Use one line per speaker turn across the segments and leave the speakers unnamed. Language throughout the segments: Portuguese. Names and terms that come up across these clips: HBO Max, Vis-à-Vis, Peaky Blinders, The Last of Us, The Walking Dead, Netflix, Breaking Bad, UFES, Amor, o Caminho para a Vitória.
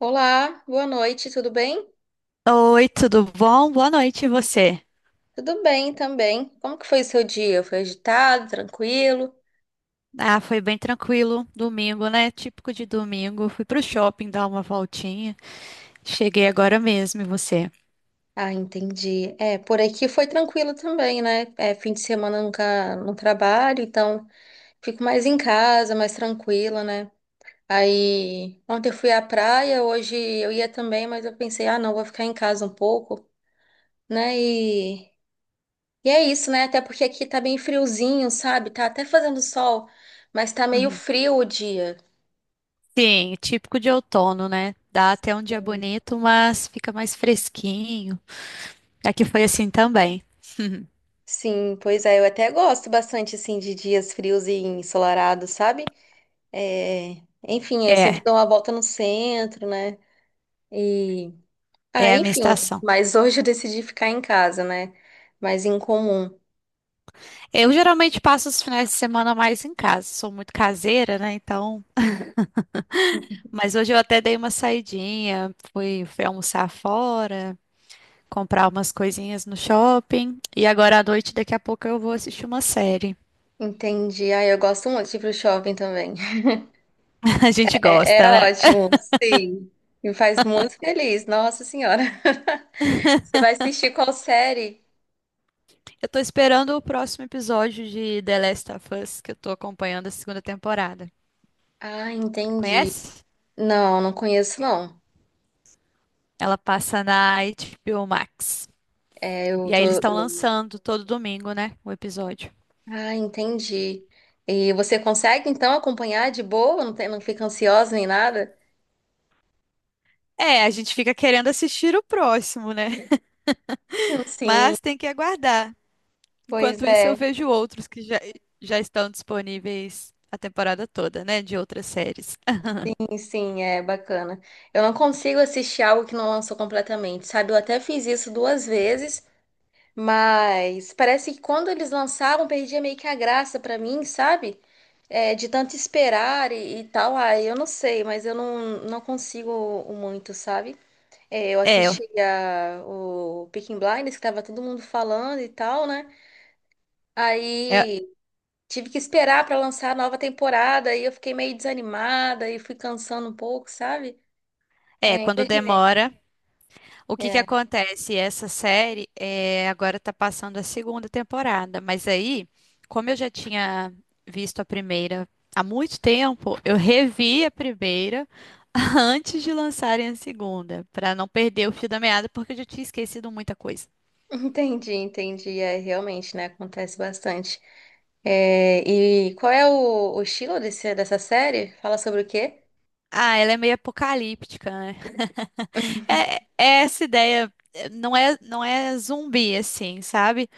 Olá, boa noite, tudo bem?
Oi, tudo bom? Boa noite, e você?
Tudo bem também. Como que foi o seu dia? Foi agitado, tranquilo?
Ah, foi bem tranquilo, domingo, né? Típico de domingo. Fui pro shopping dar uma voltinha. Cheguei agora mesmo, e você?
Ah, entendi. É, por aqui foi tranquilo também, né? É, fim de semana eu nunca não trabalho, então fico mais em casa, mais tranquila, né? Aí ontem eu fui à praia, hoje eu ia também, mas eu pensei, ah, não, vou ficar em casa um pouco, né? E é isso, né? Até porque aqui tá bem friozinho, sabe? Tá até fazendo sol, mas tá meio
Uhum.
frio o dia.
Sim, típico de outono, né? Dá até um dia bonito, mas fica mais fresquinho. Aqui foi assim também.
Sim, pois é, eu até gosto bastante assim de dias frios e ensolarados, sabe? É, enfim, eu sempre
É,
dou uma volta no centro, né? E ah,
é a minha
enfim,
estação.
mas hoje eu decidi ficar em casa, né? Mas em comum.
Eu geralmente passo os finais de semana mais em casa, sou muito caseira, né? Então, mas hoje eu até dei uma saidinha, fui almoçar fora, comprar umas coisinhas no shopping. E agora à noite, daqui a pouco, eu vou assistir uma série.
Entendi. Ah, eu gosto muito de ir pro shopping também.
A gente
É, é
gosta, né?
ótimo, sim. Me faz muito feliz, nossa senhora. Você vai assistir qual série?
Eu tô esperando o próximo episódio de The Last of Us, que eu tô acompanhando a segunda temporada.
Ah, entendi.
Conhece?
Não, não conheço, não.
Ela passa na HBO Max.
É, eu
E
tô.
aí eles estão lançando todo domingo, né? O episódio.
Ah, entendi. E você consegue então acompanhar de boa? Não tem, não fica ansiosa nem nada?
É, a gente fica querendo assistir o próximo, né?
Sim,
Mas tem que aguardar.
pois
Enquanto isso, eu
é.
vejo outros que já estão disponíveis a temporada toda, né? De outras séries.
Sim, sim, é bacana. Eu não consigo assistir algo que não lançou completamente, sabe? Eu até fiz isso duas vezes, mas parece que quando eles lançaram, perdia meio que a graça pra mim, sabe? É, de tanto esperar e tal. Ah, eu não sei, mas eu não, não consigo muito, sabe? É, eu
É,
assistia o Peaky Blinders, que tava todo mundo falando e tal, né?
é
Aí tive que esperar pra lançar a nova temporada, aí eu fiquei meio desanimada e fui cansando um pouco, sabe? Aí
é,
nem
quando
terminei.
demora, o que que
É,
acontece? Essa série é, agora tá passando a segunda temporada, mas aí, como eu já tinha visto a primeira há muito tempo, eu revi a primeira antes de lançarem a segunda, pra não perder o fio da meada, porque eu já tinha esquecido muita coisa.
entendi, entendi. É, realmente, né? Acontece bastante. É, e qual é o estilo dessa série? Fala sobre o quê?
Ah, ela é meio apocalíptica, né? É, é essa ideia, é, não é zumbi assim, sabe?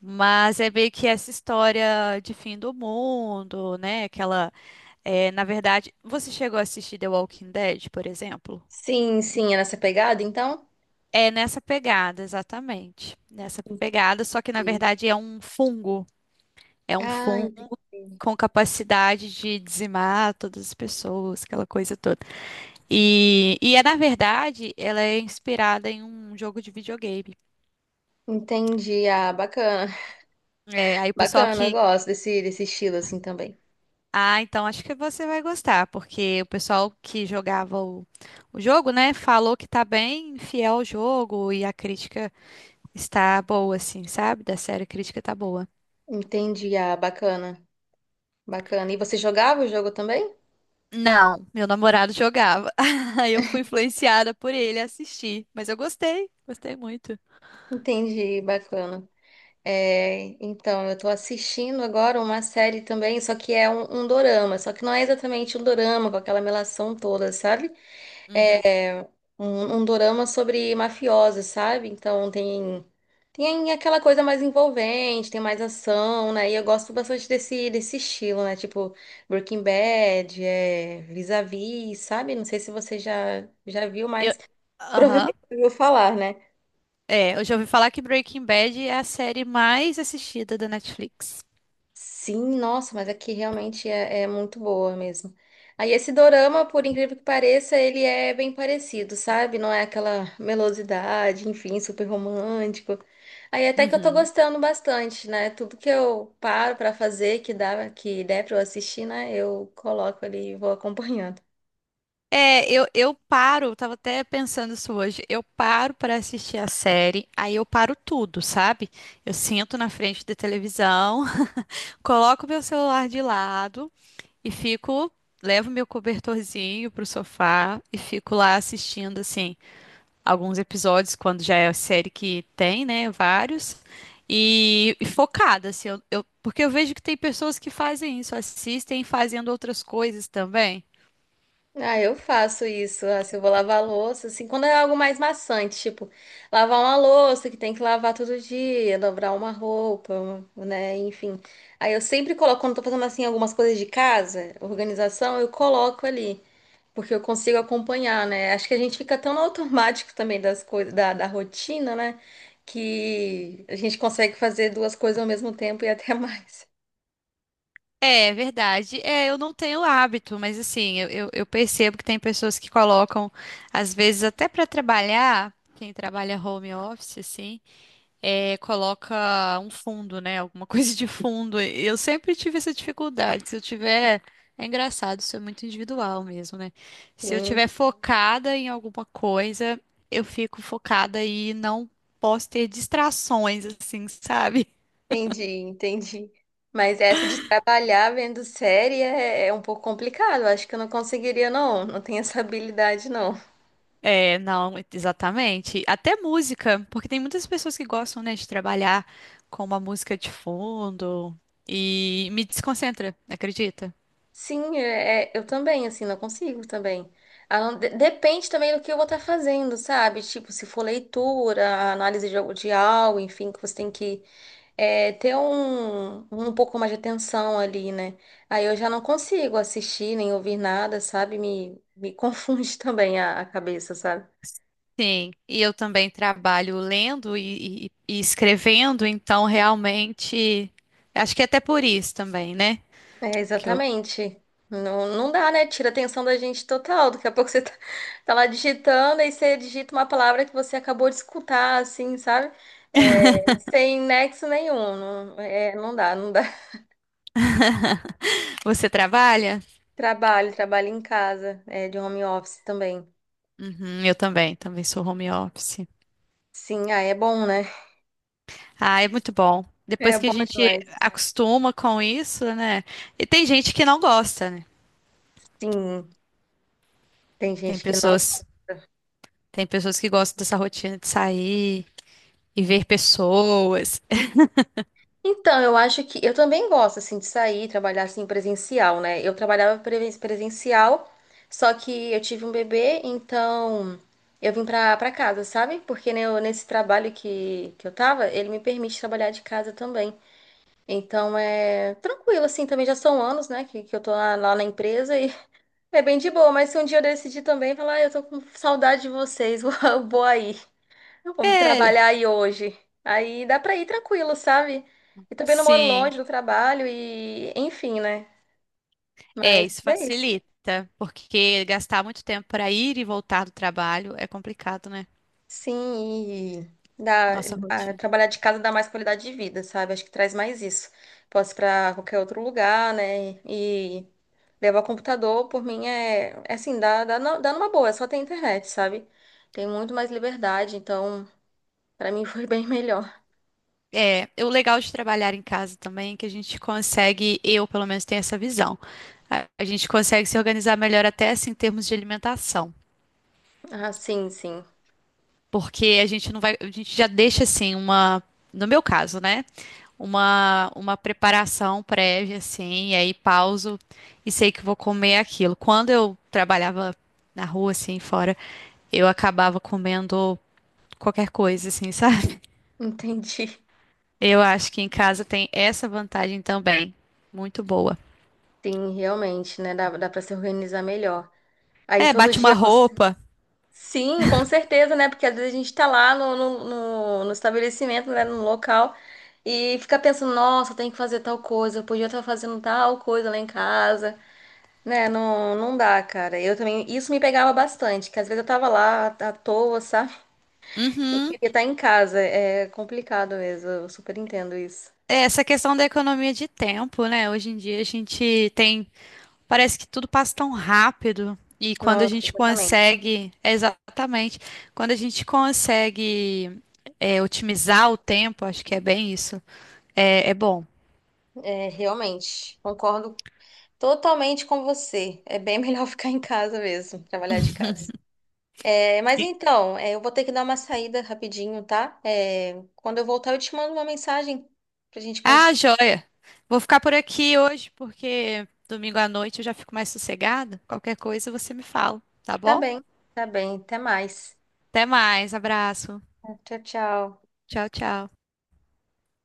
Mas é meio que essa história de fim do mundo, né? Aquela é, na verdade, você chegou a assistir The Walking Dead, por exemplo?
Sim, sim, é nessa pegada, então?
É nessa pegada, exatamente. Nessa pegada, só que na
Sim.
verdade é um fungo. É um
Ah, entendi.
fungo com capacidade de dizimar todas as pessoas, aquela coisa toda. E é, na verdade, ela é inspirada em um jogo de videogame.
Entendi. Ah, bacana.
É, aí o pessoal
Bacana, eu
que.
gosto desse, desse estilo assim também.
Ah, então acho que você vai gostar, porque o pessoal que jogava o jogo, né, falou que tá bem fiel ao jogo e a crítica. Está boa, assim, sabe? Da série a crítica tá boa.
Entendi, ah, bacana, bacana. E você jogava o jogo também?
Não, meu namorado jogava. Aí eu fui influenciada por ele a assistir. Mas eu gostei, gostei muito.
Entendi, bacana. É, então, eu tô assistindo agora uma série também, só que é um dorama, só que não é exatamente um dorama com aquela melação toda, sabe?
Uhum.
É, um dorama sobre mafiosos, sabe? Então tem aquela coisa mais envolvente, tem mais ação, né? E eu gosto bastante desse estilo, né? Tipo Breaking Bad, é, Vis-a-Vis, sabe? Não sei se você já viu,
Eu...
mas
Aham.
provavelmente ouviu falar, né?
É, eu já ouvi falar que Breaking Bad é a série mais assistida da Netflix.
Sim, nossa, mas aqui realmente é, é muito boa mesmo. Aí esse dorama, por incrível que pareça, ele é bem parecido, sabe? Não é aquela melosidade, enfim, super romântico. Aí até que eu tô
Uhum.
gostando bastante, né? Tudo que eu paro pra fazer, que dá, que der pra eu assistir, né? Eu coloco ali e vou acompanhando.
É, eu paro, eu tava até pensando isso hoje. Eu paro para assistir a série, aí eu paro tudo, sabe? Eu sento na frente da televisão, coloco meu celular de lado. E fico, levo meu cobertorzinho pro sofá e fico lá assistindo, assim, alguns episódios, quando já é a série que tem, né? Vários. E focada, assim, porque eu vejo que tem pessoas que fazem isso, assistem fazendo outras coisas também.
Ah, eu faço isso. Ah, se eu vou lavar a louça, assim, quando é algo mais maçante, tipo, lavar uma louça que tem que lavar todo dia, dobrar uma roupa, um- né? Enfim. Aí eu sempre coloco, quando eu tô fazendo assim algumas coisas de casa, organização, eu coloco ali, porque eu consigo acompanhar, né? Acho que a gente fica tão no automático também das coisas, da rotina, né? Que a gente consegue fazer duas coisas ao mesmo tempo e até mais.
É é verdade. É, eu não tenho hábito, mas assim, eu percebo que tem pessoas que colocam, às vezes até para trabalhar, quem trabalha home office, assim, é, coloca um fundo, né? Alguma coisa de fundo. Eu sempre tive essa dificuldade. Se eu tiver. É engraçado, isso é muito individual mesmo, né? Se eu tiver focada em alguma coisa, eu fico focada e não posso ter distrações, assim, sabe?
Entendi, entendi. Mas essa de trabalhar vendo série é um pouco complicado. Eu acho que eu não conseguiria, não. Não tenho essa habilidade, não.
É, não, exatamente. Até música, porque tem muitas pessoas que gostam, né, de trabalhar com uma música de fundo e me desconcentra, acredita?
Sim, é, é, eu também, assim, não consigo também. Ah, não- de- depende também do que eu vou estar fazendo, sabe? Tipo, se for leitura, análise de algo, enfim, que você tem que é, ter um pouco mais de atenção ali, né? Aí eu já não consigo assistir nem ouvir nada, sabe? Me confunde também a cabeça, sabe?
Sim, e eu também trabalho lendo e escrevendo, então realmente acho que é até por isso também, né?
É,
Que eu...
exatamente. Não, não dá, né? Tira a atenção da gente total. Daqui a pouco você tá, tá lá digitando, aí você digita uma palavra que você acabou de escutar, assim, sabe? É, sem nexo nenhum. Não, é, não dá, não dá.
Você trabalha?
Trabalho, trabalho em casa, é, de home office também.
Uhum, eu também, também sou home office.
Sim, ah, é bom, né?
Ah, é muito bom.
É
Depois que
bom
a gente
demais.
acostuma com isso, né? E tem gente que não gosta, né?
Sim, tem
Tem
gente que
pessoas, tem pessoas que gostam dessa rotina de sair e ver pessoas.
então, eu acho que eu também gosto assim de sair, trabalhar assim presencial, né? Eu trabalhava preve- presencial, só que eu tive um bebê, então eu vim pra, pra casa, sabe? Porque né, eu- nesse trabalho que eu tava, ele me permite trabalhar de casa também. Então é tranquilo, assim, também já são anos, né, que eu tô lá, lá na empresa e é bem de boa, mas se um dia eu decidir também falar, ah, eu tô com saudade de vocês, vou, vou aí vou
É,
trabalhar aí hoje. Aí dá pra ir tranquilo, sabe? E também não moro
sim.
longe do trabalho e, enfim, né?
É,
Mas
isso
é isso.
facilita, porque gastar muito tempo para ir e voltar do trabalho é complicado, né?
Sim, e dá,
Nossa
a-
rotina.
trabalhar de casa dá mais qualidade de vida, sabe? Acho que traz mais isso. Posso ir pra qualquer outro lugar, né? E levar o computador, por mim, é, é assim, dá, dá, nu- dá numa boa, é só ter internet, sabe? Tem muito mais liberdade, então, pra mim foi bem melhor.
É, e o legal de trabalhar em casa também é que a gente consegue, eu pelo menos tenho essa visão, a gente consegue se organizar melhor até assim, em termos de alimentação,
Ah, sim, sim.
porque a gente não vai, a gente já deixa assim uma, no meu caso, né? Uma preparação prévia assim, e aí pauso e sei que vou comer aquilo. Quando eu trabalhava na rua assim, fora eu acabava comendo qualquer coisa, assim, sabe?
Entendi.
Eu acho que em casa tem essa vantagem também. Muito boa.
Sim, realmente, né? Dá, dá para se organizar melhor. Aí
É,
todo
bate uma
dia você.
roupa.
Sim, com certeza, né? Porque às vezes a gente tá lá no estabelecimento, né? No local, e fica pensando, nossa, tem que fazer tal coisa, eu podia estar fazendo tal coisa lá em casa. Né, não, não dá, cara. Eu também. Isso me pegava bastante, que às vezes eu tava lá à toa, sabe?
Uhum.
Queria estar em casa. É é complicado mesmo. Eu super entendo isso.
É, essa questão da economia de tempo, né? Hoje em dia a gente tem. Parece que tudo passa tão rápido. E quando a
Nossa,
gente
exatamente.
consegue. É, exatamente. Quando a gente consegue é, otimizar o tempo, acho que é bem isso. É, é bom.
É, realmente. Concordo totalmente com você. É bem melhor ficar em casa mesmo, trabalhar de casa. É, mas então, é, eu vou ter que dar uma saída rapidinho, tá? É, quando eu voltar, eu te mando uma mensagem pra gente
Ah,
continuar.
joia. Vou ficar por aqui hoje porque domingo à noite eu já fico mais sossegada. Qualquer coisa você me fala, tá
Tá
bom?
bem, tá bem. Até mais.
Até mais, abraço.
Tchau, tchau.
Tchau, tchau.